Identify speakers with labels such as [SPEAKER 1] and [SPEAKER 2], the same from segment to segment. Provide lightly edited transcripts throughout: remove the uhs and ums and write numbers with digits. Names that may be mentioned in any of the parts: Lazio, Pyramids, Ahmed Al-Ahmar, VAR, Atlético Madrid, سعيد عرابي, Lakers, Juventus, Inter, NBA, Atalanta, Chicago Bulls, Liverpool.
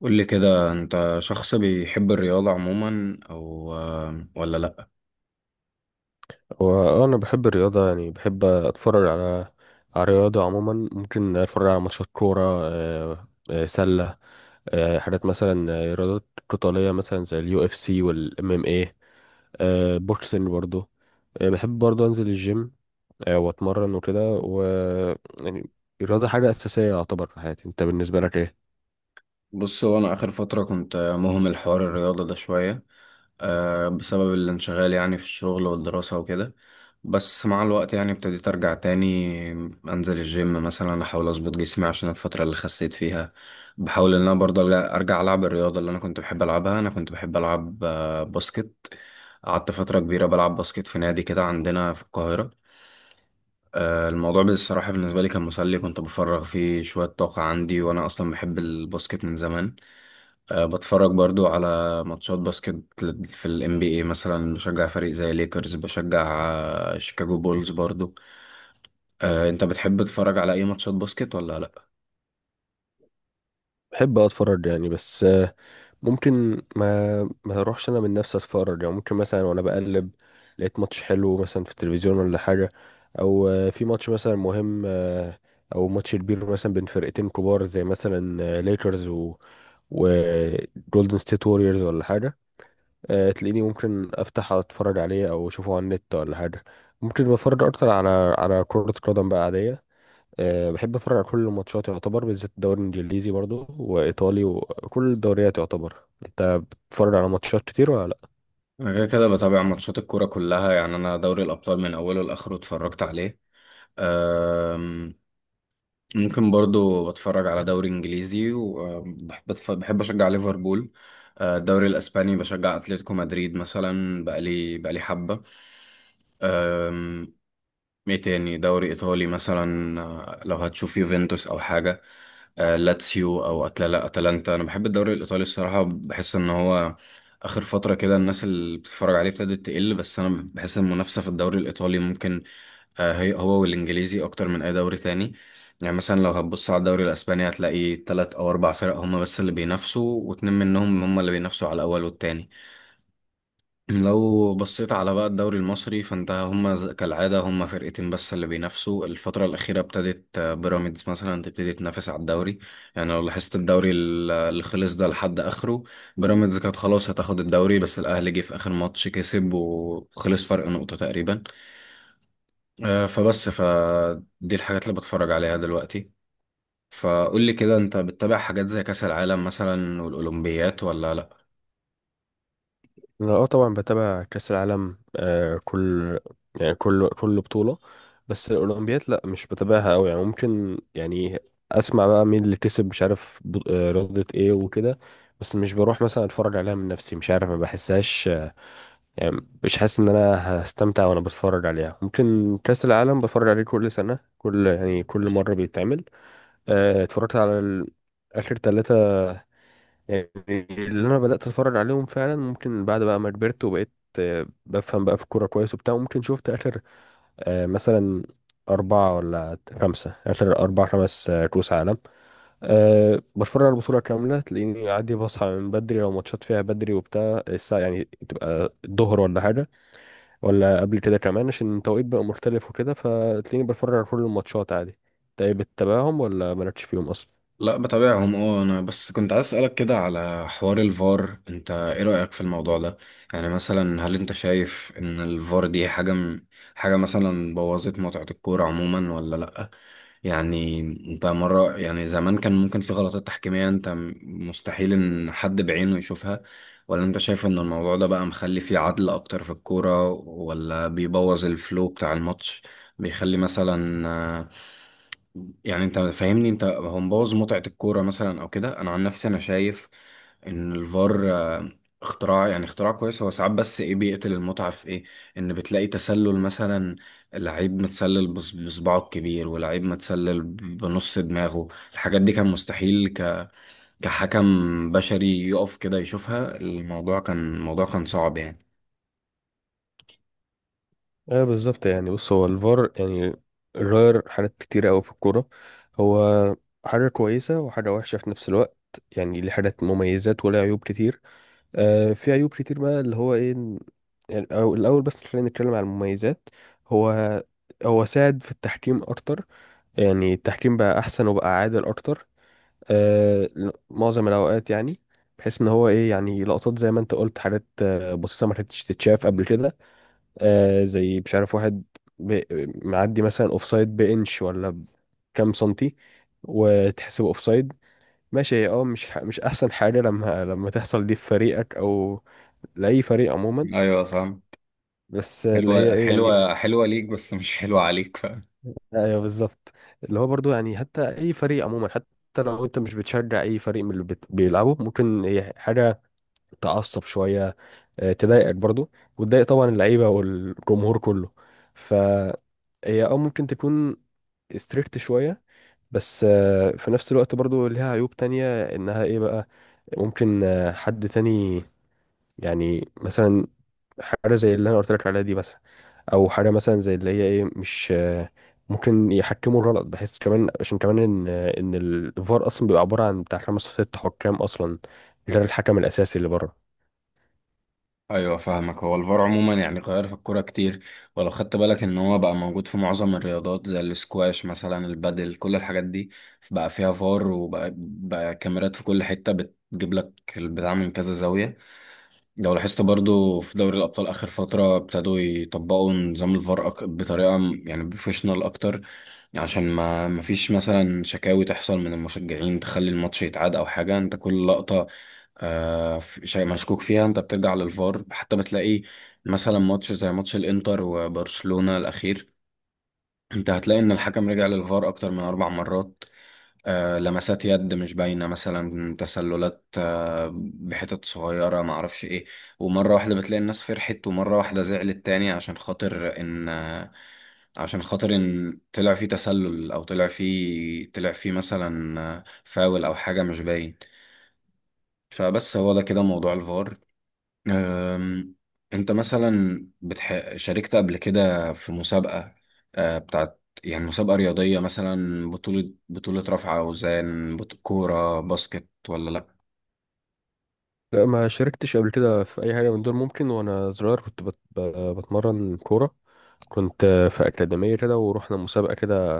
[SPEAKER 1] قول لي كده، انت شخص بيحب الرياضة عموما او ولا لا؟
[SPEAKER 2] وانا بحب الرياضه يعني بحب اتفرج على الرياضه عموما. ممكن اتفرج على ماتشات كوره، سله، حاجات مثلا، رياضات قتاليه مثلا زي اليو اف سي والام ام اي، بوكسنج برضو. بحب برضو انزل الجيم، واتمرن وكده، و، يعني، الرياضه حاجه اساسيه يعتبر في حياتي. انت بالنسبه لك ايه؟
[SPEAKER 1] بص، هو انا اخر فترة كنت مهمل حوار الرياضة ده شوية، بسبب الانشغال، يعني في الشغل والدراسة وكده. بس مع الوقت يعني ابتديت ارجع تاني، انزل الجيم مثلا، احاول اظبط جسمي عشان الفترة اللي خسيت فيها. بحاول ان انا برضه أرجع العب الرياضة اللي انا كنت بحب العبها، انا كنت بحب العب باسكت. قعدت فترة كبيرة بلعب باسكت في نادي كده عندنا في القاهرة. الموضوع بصراحة بالنسبة لي كان مسلي، كنت بفرغ فيه شوية طاقة عندي، وأنا أصلا بحب الباسكت من زمان. أه، بتفرج برضو على ماتشات باسكت في ال NBA مثلا، بشجع فريق زي ليكرز، بشجع شيكاغو بولز برضو. أه، أنت بتحب تتفرج على أي ماتشات باسكت ولا لأ؟
[SPEAKER 2] بحب اتفرج يعني، بس ممكن ما اروحش انا من نفسي اتفرج. يعني ممكن مثلا وانا بقلب لقيت ماتش حلو مثلا في التلفزيون، ولا حاجه، او في ماتش مثلا مهم، او ماتش كبير مثلا بين فرقتين كبار زي مثلا ليكرز و وجولدن ستيت ووريرز، ولا حاجه. تلاقيني ممكن افتح اتفرج عليه او اشوفه على النت، ولا حاجه. ممكن بتفرج اكتر على كره قدم بقى عاديه. بحب اتفرج على كل الماتشات يعتبر، بالذات الدوري الانجليزي برضو، وايطالي، وكل الدوريات يعتبر. انت بتتفرج على ماتشات كتير ولا لا؟
[SPEAKER 1] أنا كده كده بتابع ماتشات الكورة كلها، يعني أنا دوري الأبطال من أوله لآخره اتفرجت عليه. ممكن برضو بتفرج على دوري انجليزي، وبحب بحب اشجع ليفربول. الدوري الاسباني بشجع اتلتيكو مدريد مثلا، بقالي حبة. ايه تاني، دوري ايطالي مثلا، لو هتشوف يوفنتوس او حاجه، لاتسيو او اتلانتا. انا بحب الدوري الايطالي الصراحه، بحس ان هو اخر فتره كده الناس اللي بتتفرج عليه ابتدت تقل، بس انا بحس المنافسه في الدوري الايطالي ممكن هو والانجليزي اكتر من اي دوري تاني. يعني مثلا لو هتبص على الدوري الاسباني، هتلاقي تلات او اربع فرق هما بس اللي بينافسوا، واتنين منهم هما اللي بينافسوا على الاول والتاني. لو بصيت على بقى الدوري المصري، فانت هما كالعادة هما فرقتين بس اللي بينافسوا. الفترة الأخيرة ابتدت بيراميدز مثلا تبتدي تنافس على الدوري. يعني لو لاحظت الدوري اللي خلص ده لحد آخره، بيراميدز كانت خلاص هتاخد الدوري، بس الأهلي جه في آخر ماتش كسب وخلص فرق نقطة تقريبا. فبس فدي الحاجات اللي بتفرج عليها دلوقتي. فقول لي كده، انت بتتابع حاجات زي كأس العالم مثلا والأولمبيات ولا لأ؟
[SPEAKER 2] انا طبعا بتابع كاس العالم. كل، يعني كل بطولة. بس الاولمبياد لا، مش بتابعها قوي. يعني ممكن، يعني اسمع بقى مين اللي كسب، مش عارف رياضة ايه وكده. بس مش بروح مثلا اتفرج عليها من نفسي، مش عارف، ما بحسهاش. يعني مش حاسس ان انا هستمتع وانا بتفرج عليها. ممكن كأس العالم بتفرج عليه كل سنة، كل، يعني كل مرة بيتعمل. اتفرجت على اخر ثلاثة يعني. اللي انا بدأت اتفرج عليهم فعلا، ممكن بعد بقى ما كبرت وبقيت بفهم بقى في الكورة كويس وبتاع. ممكن شفت اخر، مثلا أربعة ولا خمسة، آخر أربع خمس، كأس عالم. بتفرج على البطولة كاملة، تلاقيني عادي بصحى من بدري لو ماتشات فيها بدري وبتاع الساعة، يعني تبقى الظهر ولا حاجة، ولا قبل كده كمان، عشان التوقيت بقى مختلف وكده، فتلاقيني بتفرج على كل الماتشات عادي. طيب، بتتابعهم ولا مالكش فيهم اصلا؟
[SPEAKER 1] لا بتابعهم، اه، انا بس كنت عايز اسالك كده على حوار الفار، انت ايه رايك في الموضوع ده؟ يعني مثلا هل انت شايف ان الفار دي حاجه مثلا بوظت متعه الكوره عموما ولا لا؟ يعني انت مره، يعني زمان كان ممكن في غلطات تحكيميه، مستحيل ان حد بعينه يشوفها، ولا انت شايف ان الموضوع ده بقى مخلي فيه عدل اكتر في الكوره ولا بيبوظ الفلو بتاع الماتش، بيخلي مثلا آه، يعني انت فاهمني؟ انت هو مبوظ متعة الكورة مثلا او كده؟ انا عن نفسي انا شايف ان الفار اختراع، يعني اختراع كويس، هو ساعات بس ايه، بيقتل المتعة في ايه؟ ان بتلاقي تسلل مثلا، لعيب متسلل بصباعه الكبير، ولعيب متسلل بنص دماغه. الحاجات دي كان مستحيل كحكم بشري يقف كده يشوفها، الموضوع كان صعب يعني.
[SPEAKER 2] ايه بالظبط، يعني بص، هو الفار يعني غير حاجات كتيرة أوي في الكورة. هو حاجة كويسة وحاجة وحشة في نفس الوقت. يعني ليه حاجات مميزات وله عيوب كتير. في عيوب كتير بقى، اللي هو ايه، يعني، أو الأول بس خلينا نتكلم عن المميزات. هو هو ساعد في التحكيم أكتر. يعني التحكيم بقى أحسن وبقى عادل أكتر، آه، معظم الاوقات. يعني بحيث ان هو ايه، يعني لقطات زي ما انت قلت، حاجات بسيطه ما كانتش تتشاف قبل كده، زي مش عارف واحد ب- معدي مثلا اوفسايد بانش ولا بكام سنتي، وتحسب اوفسايد. ماشي، هي مش مش احسن حاجه لما تحصل دي في فريقك او لاي فريق عموما.
[SPEAKER 1] ايوه، فاهم.
[SPEAKER 2] بس اللي هي
[SPEAKER 1] حلوة،
[SPEAKER 2] ايه يعني؟
[SPEAKER 1] حلوة، حلوة ليك بس مش حلوة عليك.
[SPEAKER 2] ايوه، بالظبط. اللي هو برضو يعني حتى اي فريق عموما، حتى لو انت مش بتشجع اي فريق من اللي بيلعبوا، ممكن هي حاجه تعصب شويه، تضايقك برضو، وتضايق طبعا اللعيبه والجمهور كله. فهي اه ممكن تكون ستريكت شويه. بس في نفس الوقت برضو ليها عيوب تانية، انها ايه بقى؟ ممكن حد تاني، يعني مثلا، حاجه زي اللي انا قلت لك عليها دي مثلا، او حاجه مثلا زي اللي هي ايه مش، ممكن يحكموا الغلط، بحيث كمان عشان كمان ان الفار اصلا بيبقى عباره عن بتاع خمس ست حكام اصلا، غير الحكم الاساسي اللي بره.
[SPEAKER 1] ايوه، فاهمك. هو الفار عموما يعني غير في الكوره كتير. ولو خدت بالك ان هو بقى موجود في معظم الرياضات، زي الاسكواش مثلا، البادل، كل الحاجات دي بقى فيها فار، وبقى كاميرات في كل حته بتجيب لك البتاع من كذا زاويه. لو لاحظت برضو في دوري الابطال اخر فتره ابتدوا يطبقوا نظام الفار بطريقه يعني بروفيشنال اكتر، عشان ما فيش مثلا شكاوي تحصل من المشجعين تخلي الماتش يتعاد او حاجه. انت كل لقطه شيء مشكوك فيها، انت بترجع للفار. حتى بتلاقي مثلا ماتش زي ماتش الانتر وبرشلونه الاخير، انت هتلاقي ان الحكم رجع للفار اكتر من 4 مرات، لمسات يد مش باينة مثلا، تسللات بحتت صغيرة، معرفش ايه. ومرة واحدة بتلاقي الناس فرحت ومرة واحدة زعلت تاني، عشان خاطر ان طلع فيه تسلل او طلع فيه مثلا فاول او حاجة مش باين. فبس هو ده كده موضوع الفار. أم، انت مثلا شاركت قبل كده في مسابقة بتاعت، يعني مسابقة رياضية مثلا، بطولة رفع أوزان، كورة باسكت ولا لأ؟
[SPEAKER 2] لا، ما شاركتش قبل كده في اي حاجه من دول. ممكن وانا صغير كنت بتمرن كوره، كنت في اكاديميه كده، ورحنا مسابقه كده،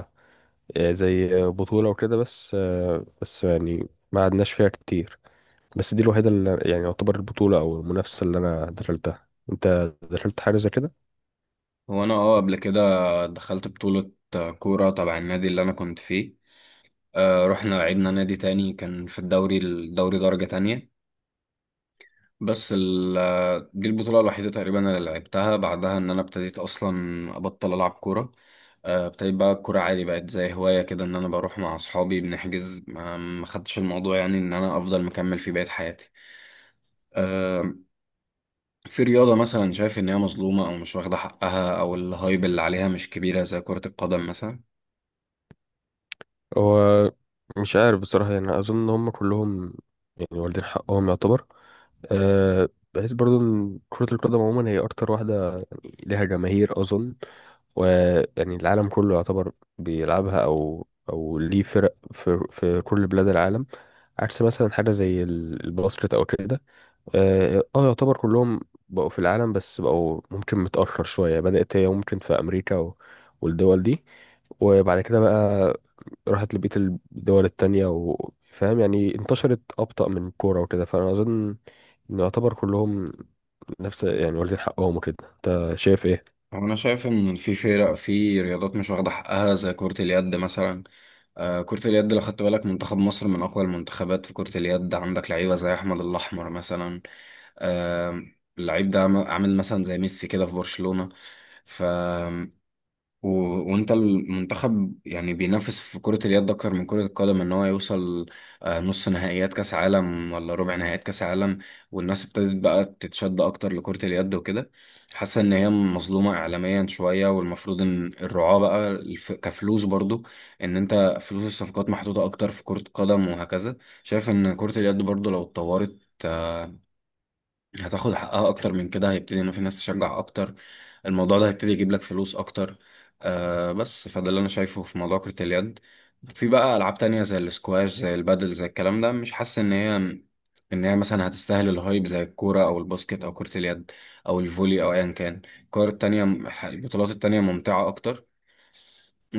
[SPEAKER 2] زي بطوله وكده. بس يعني ما عدناش فيها كتير. بس دي الوحيده اللي يعني يعتبر البطوله او المنافسه اللي انا دخلتها. انت دخلت حاجه زي كده؟
[SPEAKER 1] هو أنا، اه، قبل كده دخلت بطولة كورة تبع النادي اللي أنا كنت فيه، أه، رحنا لعبنا نادي تاني كان في الدوري درجة تانية. بس دي البطولة الوحيدة تقريبا اللي لعبتها، بعدها إن أنا ابتديت أصلا أبطل ألعب كورة. ابتديت بقى الكورة عادي، بقت زي هواية كده، إن أنا بروح مع أصحابي بنحجز، ما خدتش الموضوع يعني إن أنا أفضل مكمل فيه بقية حياتي. آه، في رياضة مثلا شايف إن هي مظلومة أو مش واخدة حقها أو الهايب اللي عليها مش كبيرة زي كرة القدم مثلا؟
[SPEAKER 2] هو مش عارف بصراحه، يعني اظن ان هم كلهم، يعني والدين حقهم يعتبر. بحيث برضو ان كرة القدم عموما هي أكتر واحدة، يعني ليها جماهير أظن، ويعني العالم كله يعتبر بيلعبها، او ليه فرق في كل بلاد العالم، عكس مثلا حاجه زي الباسكت او كده. يعتبر كلهم بقوا في العالم، بس بقوا ممكن متاخر شويه، بدات هي ممكن في امريكا والدول دي، وبعد كده بقى راحت لبقيه الدول التانية، وفاهم يعني انتشرت ابطا من الكوره وكده. فانا اظن ان يعتبر كلهم نفس، يعني واخدين حقهم وكده. انت شايف ايه؟
[SPEAKER 1] هو أنا شايف إن في فرق، في رياضات مش واخدة حقها زي كرة اليد مثلا. آه، كرة اليد لو خدت بالك، منتخب مصر من أقوى المنتخبات في كرة اليد، عندك لعيبة زي أحمد الأحمر مثلا. آه، اللعيب ده عامل مثلا زي ميسي كده في برشلونة. ف و... وانت المنتخب يعني بينافس في كرة اليد اكتر من كرة القدم، ان هو يوصل نص نهائيات كاس عالم ولا ربع نهائيات كاس عالم. والناس ابتدت بقى تتشد اكتر لكرة اليد وكده، حاسة ان هي مظلومة اعلاميا شوية، والمفروض ان الرعاة بقى كفلوس برضو، ان انت فلوس الصفقات محطوطة اكتر في كرة القدم وهكذا. شايف ان كرة اليد برضو لو اتطورت هتاخد حقها اكتر من كده، هيبتدي ان في ناس تشجع اكتر، الموضوع ده هيبتدي يجيب لك فلوس اكتر. بس فده اللي انا شايفه في موضوع كرة اليد. في بقى العاب تانية زي الاسكواش، زي البادل، زي الكلام ده، مش حاسس ان هي، ان هي مثلا هتستاهل الهايب زي الكورة او الباسكت او كرة اليد او الفولي او ايا كان الكور التانية. البطولات التانية ممتعة اكتر.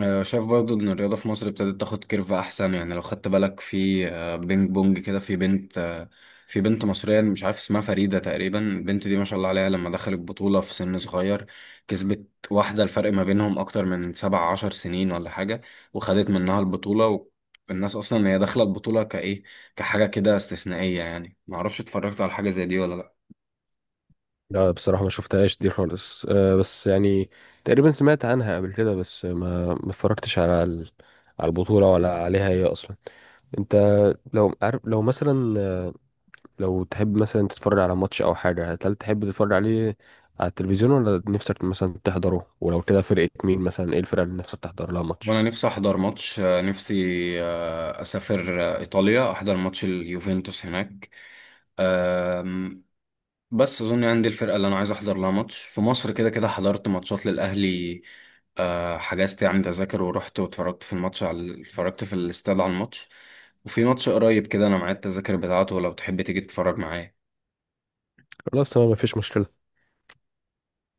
[SPEAKER 1] شايف برضو ان الرياضة في مصر ابتدت تاخد كيرف احسن. يعني لو خدت بالك في بينج بونج كده، في بنت مصرية مش عارف اسمها فريدة تقريبا، البنت دي ما شاء الله عليها لما دخلت بطولة في سن صغير كسبت واحدة الفرق ما بينهم اكتر من 17 سنين ولا حاجة، وخدت منها البطولة. والناس اصلا هي داخلة البطولة كايه، كحاجة كده استثنائية، يعني معرفش اتفرجت على حاجة زي دي ولا لأ.
[SPEAKER 2] لا بصراحة، ما شفتهاش دي خالص. بس يعني، تقريبا سمعت عنها قبل كده، بس ما اتفرجتش على على البطولة ولا عليها هي أصلا. أنت لو عارف، لو مثلا، لو تحب مثلا تتفرج على ماتش أو حاجة، هل تحب تتفرج عليه على التلفزيون، ولا نفسك مثلا تحضره؟ ولو كده، فرقة مين مثلا، إيه الفرقة اللي نفسك تحضر لها ماتش؟
[SPEAKER 1] وانا نفسي احضر ماتش، نفسي اسافر ايطاليا احضر ماتش اليوفنتوس هناك. آم، بس اظن عندي الفرقه اللي انا عايز احضر لها ماتش في مصر كده كده حضرت ماتشات للاهلي. حجزت يعني تذاكر ورحت واتفرجت في الماتش على اتفرجت في الاستاد على الماتش. وفي ماتش قريب كده، انا معايا التذاكر بتاعته لو تحب تيجي تتفرج معايا.
[SPEAKER 2] خلاص تمام، مفيش مشكلة.